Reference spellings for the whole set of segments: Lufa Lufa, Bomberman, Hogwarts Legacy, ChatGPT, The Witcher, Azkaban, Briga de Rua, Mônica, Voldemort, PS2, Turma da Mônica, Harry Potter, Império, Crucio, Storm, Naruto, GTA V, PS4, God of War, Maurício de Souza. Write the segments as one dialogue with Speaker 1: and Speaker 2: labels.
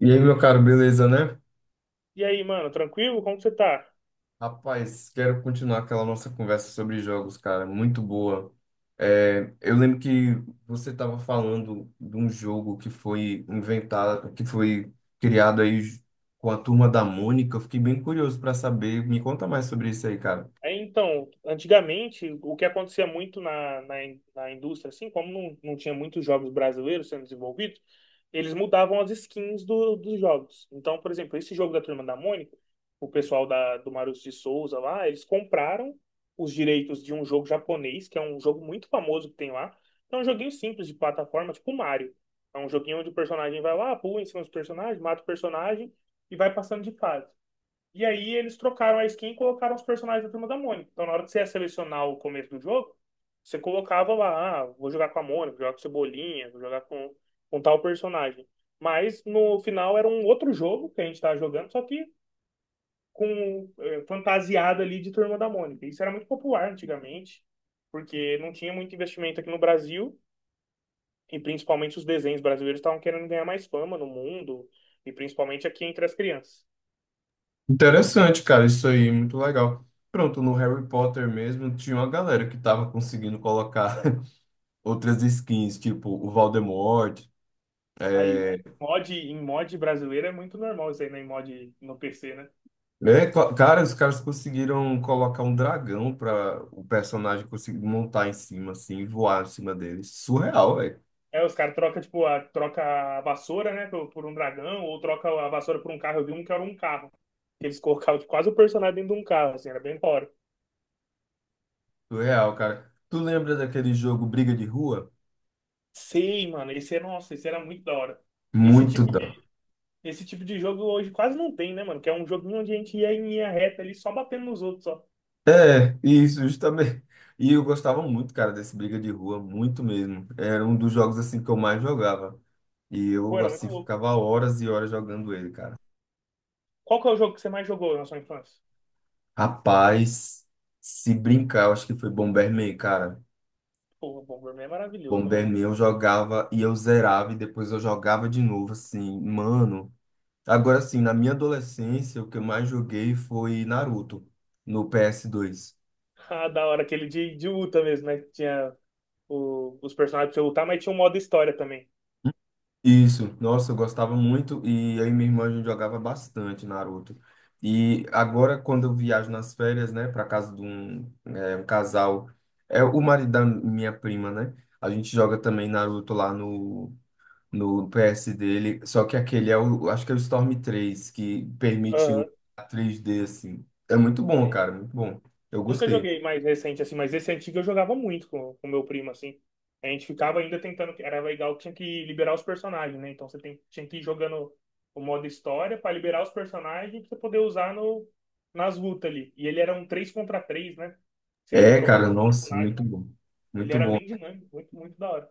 Speaker 1: E aí, meu caro, beleza, né?
Speaker 2: E aí, mano, tranquilo? Como que você tá?
Speaker 1: Rapaz, quero continuar aquela nossa conversa sobre jogos, cara, muito boa. É, eu lembro que você estava falando de um jogo que foi inventado, que foi criado aí com a turma da Mônica. Eu fiquei bem curioso para saber. Me conta mais sobre isso aí, cara.
Speaker 2: É, então, antigamente, o que acontecia muito na indústria, assim, como não tinha muitos jogos brasileiros sendo desenvolvidos, eles mudavam as skins dos jogos. Então, por exemplo, esse jogo da Turma da Mônica, o pessoal do Maurício de Souza lá, eles compraram os direitos de um jogo japonês, que é um jogo muito famoso que tem lá. É um joguinho simples de plataforma, tipo Mario. É um joguinho onde o personagem vai lá, pula em cima dos personagens, mata o personagem e vai passando de fase. E aí eles trocaram a skin e colocaram os personagens da Turma da Mônica. Então na hora que você ia selecionar o começo do jogo, você colocava lá, ah, vou jogar com a Mônica, vou jogar com o Cebolinha, vou jogar com tal personagem. Mas no final era um outro jogo que a gente estava jogando, só que com fantasiado ali de Turma da Mônica. Isso era muito popular antigamente, porque não tinha muito investimento aqui no Brasil, e principalmente os desenhos brasileiros estavam querendo ganhar mais fama no mundo, e principalmente aqui entre as crianças.
Speaker 1: Interessante, cara, isso aí, muito legal. Pronto, no Harry Potter mesmo tinha uma galera que estava conseguindo colocar outras skins, tipo o Voldemort.
Speaker 2: Aí,
Speaker 1: é,
Speaker 2: em mod brasileiro é muito normal isso aí, né? Em mod no PC, né?
Speaker 1: Cara, os caras conseguiram colocar um dragão para o personagem conseguir montar em cima, assim, e voar em cima dele. Surreal, velho.
Speaker 2: É, os caras trocam, tipo, troca a vassoura, né, por um dragão, ou troca a vassoura por um carro. Eu vi um que era um carro. Que eles colocavam tipo, quase o personagem dentro de um carro, assim, era bem da hora.
Speaker 1: Surreal, cara. Tu lembra daquele jogo Briga de Rua?
Speaker 2: Sei, mano, nossa, esse era muito da hora. Esse
Speaker 1: Muito
Speaker 2: tipo
Speaker 1: da.
Speaker 2: de, esse tipo de jogo hoje quase não tem, né, mano? Que é um joguinho onde a gente ia em linha reta ali, só batendo nos outros, ó.
Speaker 1: É, isso, justamente. E eu gostava muito, cara, desse Briga de Rua, muito mesmo. Era um dos jogos, assim, que eu mais jogava. E
Speaker 2: Pô,
Speaker 1: eu,
Speaker 2: era muito
Speaker 1: assim,
Speaker 2: louco.
Speaker 1: ficava horas e horas jogando ele, cara.
Speaker 2: Qual que é o jogo que você mais jogou na sua infância?
Speaker 1: Rapaz, se brincar, eu acho que foi Bomberman, cara.
Speaker 2: Pô, o Bomberman é maravilhoso, né, mano?
Speaker 1: Bomberman eu jogava e eu zerava e depois eu jogava de novo, assim, mano. Agora sim, na minha adolescência, o que eu mais joguei foi Naruto no PS2.
Speaker 2: Ah, da hora, aquele de luta mesmo, né? Que tinha os personagens pra você lutar, mas tinha um modo história também.
Speaker 1: Isso, nossa, eu gostava muito e aí minha irmã a gente jogava bastante Naruto. E agora quando eu viajo nas férias, né, para casa de um, um casal, é o marido da minha prima, né? A gente joga também Naruto lá no PS dele, só que aquele é o, acho que é o Storm 3 que permite o
Speaker 2: Aham.
Speaker 1: 3D assim. É muito bom,
Speaker 2: É,
Speaker 1: cara, muito bom. Eu
Speaker 2: Nunca
Speaker 1: gostei.
Speaker 2: joguei mais recente, assim, mas esse antigo eu jogava muito com o meu primo, assim. A gente ficava ainda tentando, era legal que tinha que liberar os personagens, né? Então você tinha que ir jogando o modo história pra liberar os personagens pra você poder usar no, nas lutas ali. E ele era um 3 contra 3, né? Você ia
Speaker 1: É,
Speaker 2: trocando
Speaker 1: cara, nossa,
Speaker 2: personagem.
Speaker 1: muito bom.
Speaker 2: Ele
Speaker 1: Muito
Speaker 2: era
Speaker 1: bom.
Speaker 2: bem dinâmico, muito, muito da hora.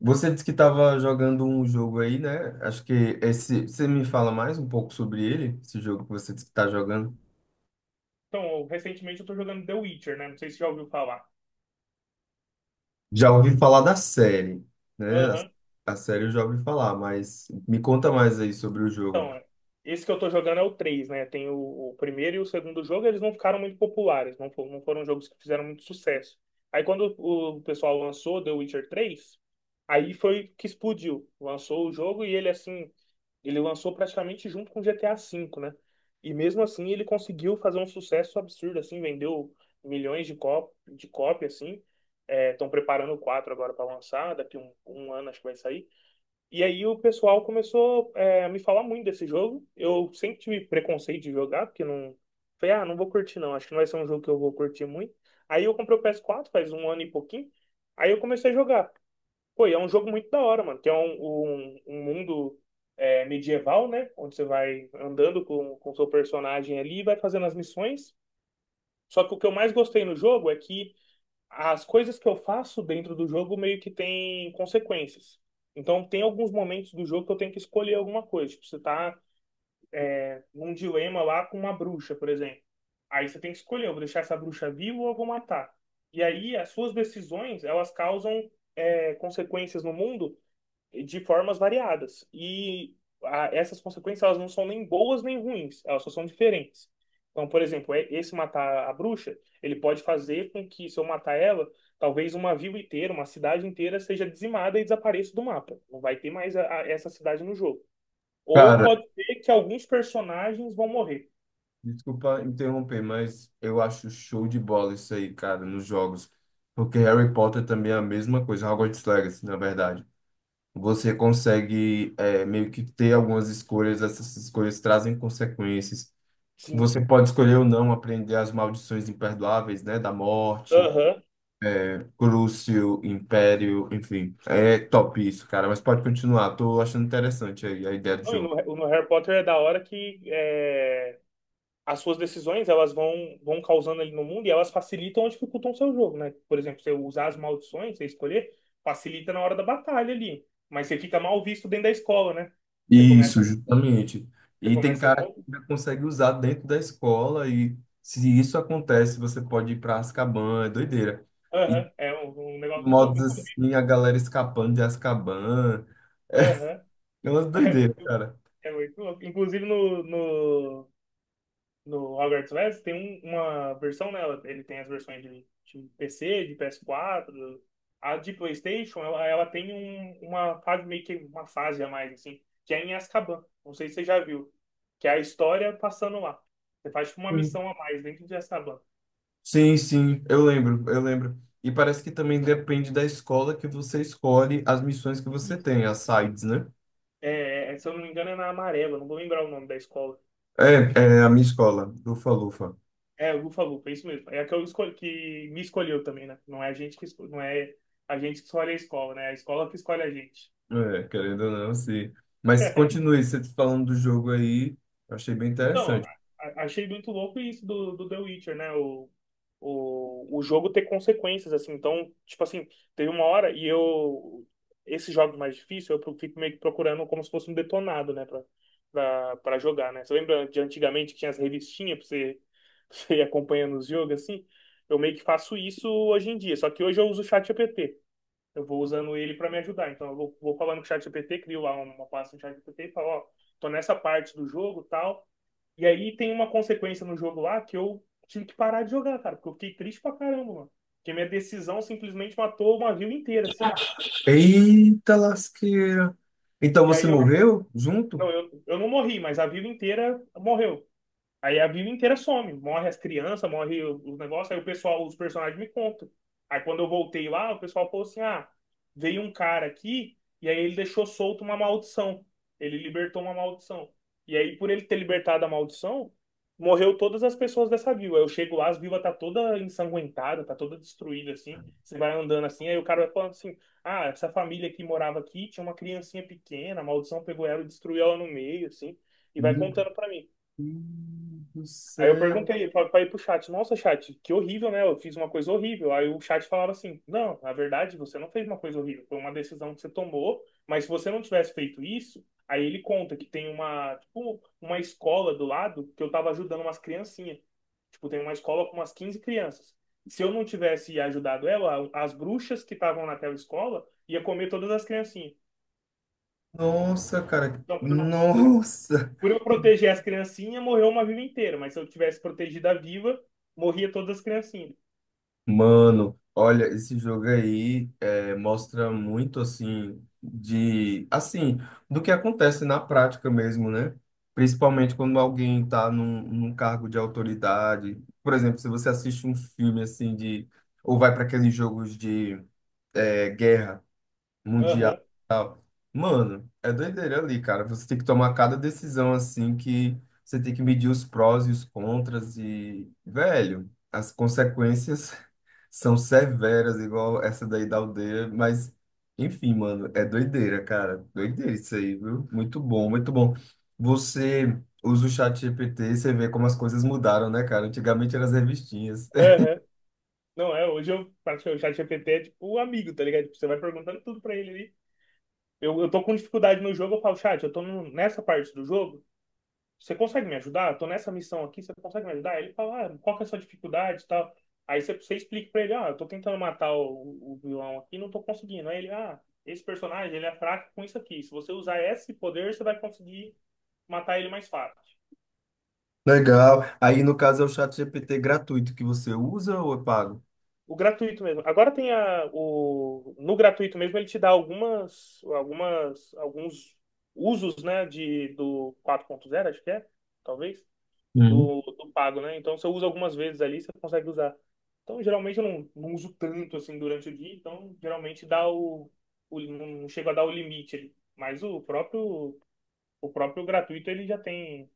Speaker 1: Você disse que estava jogando um jogo aí, né? Acho que esse. Você me fala mais um pouco sobre ele, esse jogo que você disse que está jogando.
Speaker 2: Então, recentemente eu tô jogando The Witcher, né? Não sei se você já ouviu falar.
Speaker 1: Já ouvi falar da série, né?
Speaker 2: Aham.
Speaker 1: A série eu já ouvi falar, mas me conta mais aí sobre o jogo.
Speaker 2: Então, é, esse que eu tô jogando é o 3, né? Tem o primeiro e o segundo jogo, eles não ficaram muito populares, não, não foram jogos que fizeram muito sucesso. Aí quando o pessoal lançou The Witcher 3, aí foi que explodiu. Lançou o jogo e ele assim, ele lançou praticamente junto com GTA V, né? E mesmo assim ele conseguiu fazer um sucesso absurdo, assim, vendeu milhões de cópias, assim. Estão preparando o 4 agora para lançar, daqui um ano acho que vai sair. E aí o pessoal começou a me falar muito desse jogo. Eu sempre tive preconceito de jogar, porque não. Falei, ah, não vou curtir não, acho que não vai ser um jogo que eu vou curtir muito. Aí eu comprei o PS4 faz um ano e pouquinho. Aí eu comecei a jogar. Pô, e é um jogo muito da hora, mano. Tem um mundo medieval, né? Onde você vai andando com o seu personagem ali e vai fazendo as missões. Só que o que eu mais gostei no jogo é que as coisas que eu faço dentro do jogo meio que tem consequências. Então, tem alguns momentos do jogo que eu tenho que escolher alguma coisa. Tipo, você tá num dilema lá com uma bruxa, por exemplo. Aí você tem que escolher, eu vou deixar essa bruxa viva ou eu vou matar. E aí, as suas decisões, elas causam consequências no mundo de formas variadas. E essas consequências, elas não são nem boas nem ruins, elas só são diferentes. Então, por exemplo, esse matar a bruxa, ele pode fazer com que, se eu matar ela, talvez uma vila inteira, uma cidade inteira seja dizimada e desapareça do mapa. Não vai ter mais essa cidade no jogo. Ou
Speaker 1: Cara,
Speaker 2: pode ser que alguns personagens vão morrer.
Speaker 1: desculpa interromper, mas eu acho show de bola isso aí, cara, nos jogos. Porque Harry Potter também é a mesma coisa, Hogwarts Legacy, na verdade. Você consegue meio que ter algumas escolhas, essas escolhas trazem consequências.
Speaker 2: Sim.
Speaker 1: Você pode escolher ou não aprender as maldições imperdoáveis, né? Da morte,
Speaker 2: Aham.
Speaker 1: Crucio, Império, enfim. É top isso, cara, mas pode continuar. Tô achando interessante aí a ideia do
Speaker 2: Não, e
Speaker 1: jogo.
Speaker 2: no Harry Potter é da hora que as suas decisões elas vão causando ali no mundo e elas facilitam ou dificultam o seu jogo, né? Por exemplo, você usar as maldições, você escolher, facilita na hora da batalha ali. Mas você fica mal visto dentro da escola, né? Você começa,
Speaker 1: Isso, justamente.
Speaker 2: você
Speaker 1: E tem
Speaker 2: começa a ser
Speaker 1: cara que
Speaker 2: mal.
Speaker 1: já consegue usar dentro da escola e se isso acontece, você pode ir para Azkaban, é doideira. E
Speaker 2: Aham, é um negócio muito louco.
Speaker 1: modos assim, a galera escapando de Azkaban,
Speaker 2: Aham,
Speaker 1: é uma
Speaker 2: é
Speaker 1: doideira,
Speaker 2: muito,
Speaker 1: cara.
Speaker 2: é muito louco. Inclusive no Hogwarts Legacy tem uma versão nela. Ele tem as versões de PC, de PS4. A de PlayStation, ela tem uma fase, meio que uma fase a mais, assim, que é em Azkaban. Não sei se você já viu. Que é a história passando lá. Você faz tipo, uma
Speaker 1: Sim,
Speaker 2: missão a mais dentro de Azkaban.
Speaker 1: sim, sim, eu lembro, eu lembro. E parece que também depende da escola que você escolhe as missões que você
Speaker 2: Isso.
Speaker 1: tem, as sides, né?
Speaker 2: É, é, se eu não me engano, é na Amarela, não vou lembrar o nome da escola.
Speaker 1: É, é a minha escola, lufa Lufa.
Speaker 2: É, Lufa Lufa, é isso mesmo. É a que, eu escolhi, que me escolheu também, né? Não é a gente que, não é a gente que escolhe a escola, né? É a escola que escolhe a gente.
Speaker 1: É, querendo ou não, sim. Mas continue, você falando do jogo aí, eu achei bem
Speaker 2: Então,
Speaker 1: interessante.
Speaker 2: achei muito louco isso do The Witcher, né? O jogo ter consequências, assim. Então, tipo assim, teve uma hora e eu. Esses jogos mais difíceis, eu fico meio que procurando como se fosse um detonado, né? Pra jogar, né? Você lembra de antigamente que tinha as revistinhas pra você, pra você ir acompanhando os jogos, assim? Eu meio que faço isso hoje em dia. Só que hoje eu uso o ChatGPT. Eu vou usando ele pra me ajudar. Então, eu vou falando com o ChatGPT, crio lá uma pasta no ChatGPT e falo, ó, tô nessa parte do jogo, tal. E aí tem uma consequência no jogo lá que eu tive que parar de jogar, cara, porque eu fiquei triste pra caramba, mano. Porque minha decisão simplesmente matou uma vila inteira, assim.
Speaker 1: Eita lasqueira. Então
Speaker 2: E
Speaker 1: você
Speaker 2: aí eu.
Speaker 1: morreu junto?
Speaker 2: Não, eu não morri, mas a vila inteira morreu. Aí a vila inteira some, morre as crianças, morre os negócios, aí o pessoal, os personagens me contam. Aí quando eu voltei lá, o pessoal falou assim: ah, veio um cara aqui e aí ele deixou solto uma maldição. Ele libertou uma maldição. E aí, por ele ter libertado a maldição, morreu todas as pessoas dessa vila. Eu chego lá, as vilas tá toda ensanguentada, tá toda destruída, assim. Você vai andando assim, aí o cara vai falando assim: ah, essa família que morava aqui tinha uma criancinha pequena, a maldição pegou ela e destruiu ela no meio, assim, e vai
Speaker 1: Meu
Speaker 2: contando pra mim.
Speaker 1: Deus do
Speaker 2: Aí eu
Speaker 1: céu.
Speaker 2: perguntei pra ir pro chat, nossa, chat, que horrível, né? Eu fiz uma coisa horrível. Aí o chat falava assim, não, na verdade, você não fez uma coisa horrível, foi uma decisão que você tomou, mas se você não tivesse feito isso, aí ele conta que tem uma, tipo, uma escola do lado que eu tava ajudando umas criancinhas. Tipo, tem uma escola com umas 15 crianças. Se eu não tivesse ajudado ela, as bruxas que estavam naquela escola ia comer todas as criancinhas.
Speaker 1: Nossa, cara.
Speaker 2: Então, por,
Speaker 1: Nossa.
Speaker 2: por eu proteger as criancinhas, morreu uma viva inteira. Mas se eu tivesse protegido a viva, morria todas as criancinhas.
Speaker 1: Mano, olha, esse jogo aí mostra muito assim de assim do que acontece na prática mesmo, né? Principalmente quando alguém está num cargo de autoridade. Por exemplo, se você assiste um filme assim de ou vai para aqueles jogos de guerra. Mundial.
Speaker 2: Aham,
Speaker 1: E tal. Mano, é doideira ali, cara. Você tem que tomar cada decisão assim que você tem que medir os prós e os contras e, velho, as consequências são severas, igual essa daí da aldeia, mas enfim, mano, é doideira, cara. Doideira isso aí, viu? Muito bom, muito bom. Você usa o chat GPT e você vê como as coisas mudaram, né, cara? Antigamente eram as revistinhas.
Speaker 2: aham. Não, é, hoje eu, praticamente, o chat GPT é tipo o amigo, tá ligado? Tipo, você vai perguntando tudo pra ele ali. Eu tô com dificuldade no jogo, eu falo, chat, eu tô nessa parte do jogo, você consegue me ajudar? Eu tô nessa missão aqui, você consegue me ajudar? Aí ele fala, ah, qual que é a sua dificuldade e tal. Aí você explica pra ele, ah, eu tô tentando matar o vilão aqui, e não tô conseguindo. Aí ele, ah, esse personagem, ele é fraco com isso aqui. Se você usar esse poder, você vai conseguir matar ele mais fácil.
Speaker 1: Legal. Aí, no caso, é o chat GPT gratuito que você usa ou é pago?
Speaker 2: O gratuito mesmo. Agora tem no gratuito mesmo, ele te dá alguns usos, né, do 4.0 acho que é, talvez. do pago, né? Então você usa algumas vezes ali, você consegue usar. Então geralmente eu não uso tanto assim durante o dia, então geralmente dá o não chego a dar o limite ali. Mas o próprio gratuito ele já tem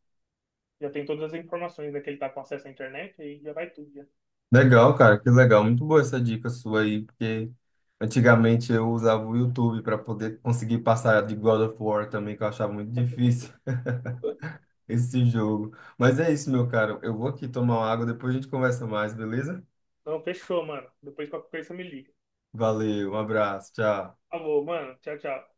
Speaker 2: já tem todas as informações, né? Que ele tá com acesso à internet e já vai tudo já.
Speaker 1: Legal, cara, que legal. Muito boa essa dica sua aí, porque antigamente eu usava o YouTube para poder conseguir passar de God of War também, que eu achava muito difícil esse jogo. Mas é isso, meu caro. Eu vou aqui tomar uma água, depois a gente conversa mais, beleza?
Speaker 2: Então fechou, mano. Depois qualquer coisa você me liga.
Speaker 1: Valeu, um abraço, tchau.
Speaker 2: Tá bom, mano. Tchau, tchau.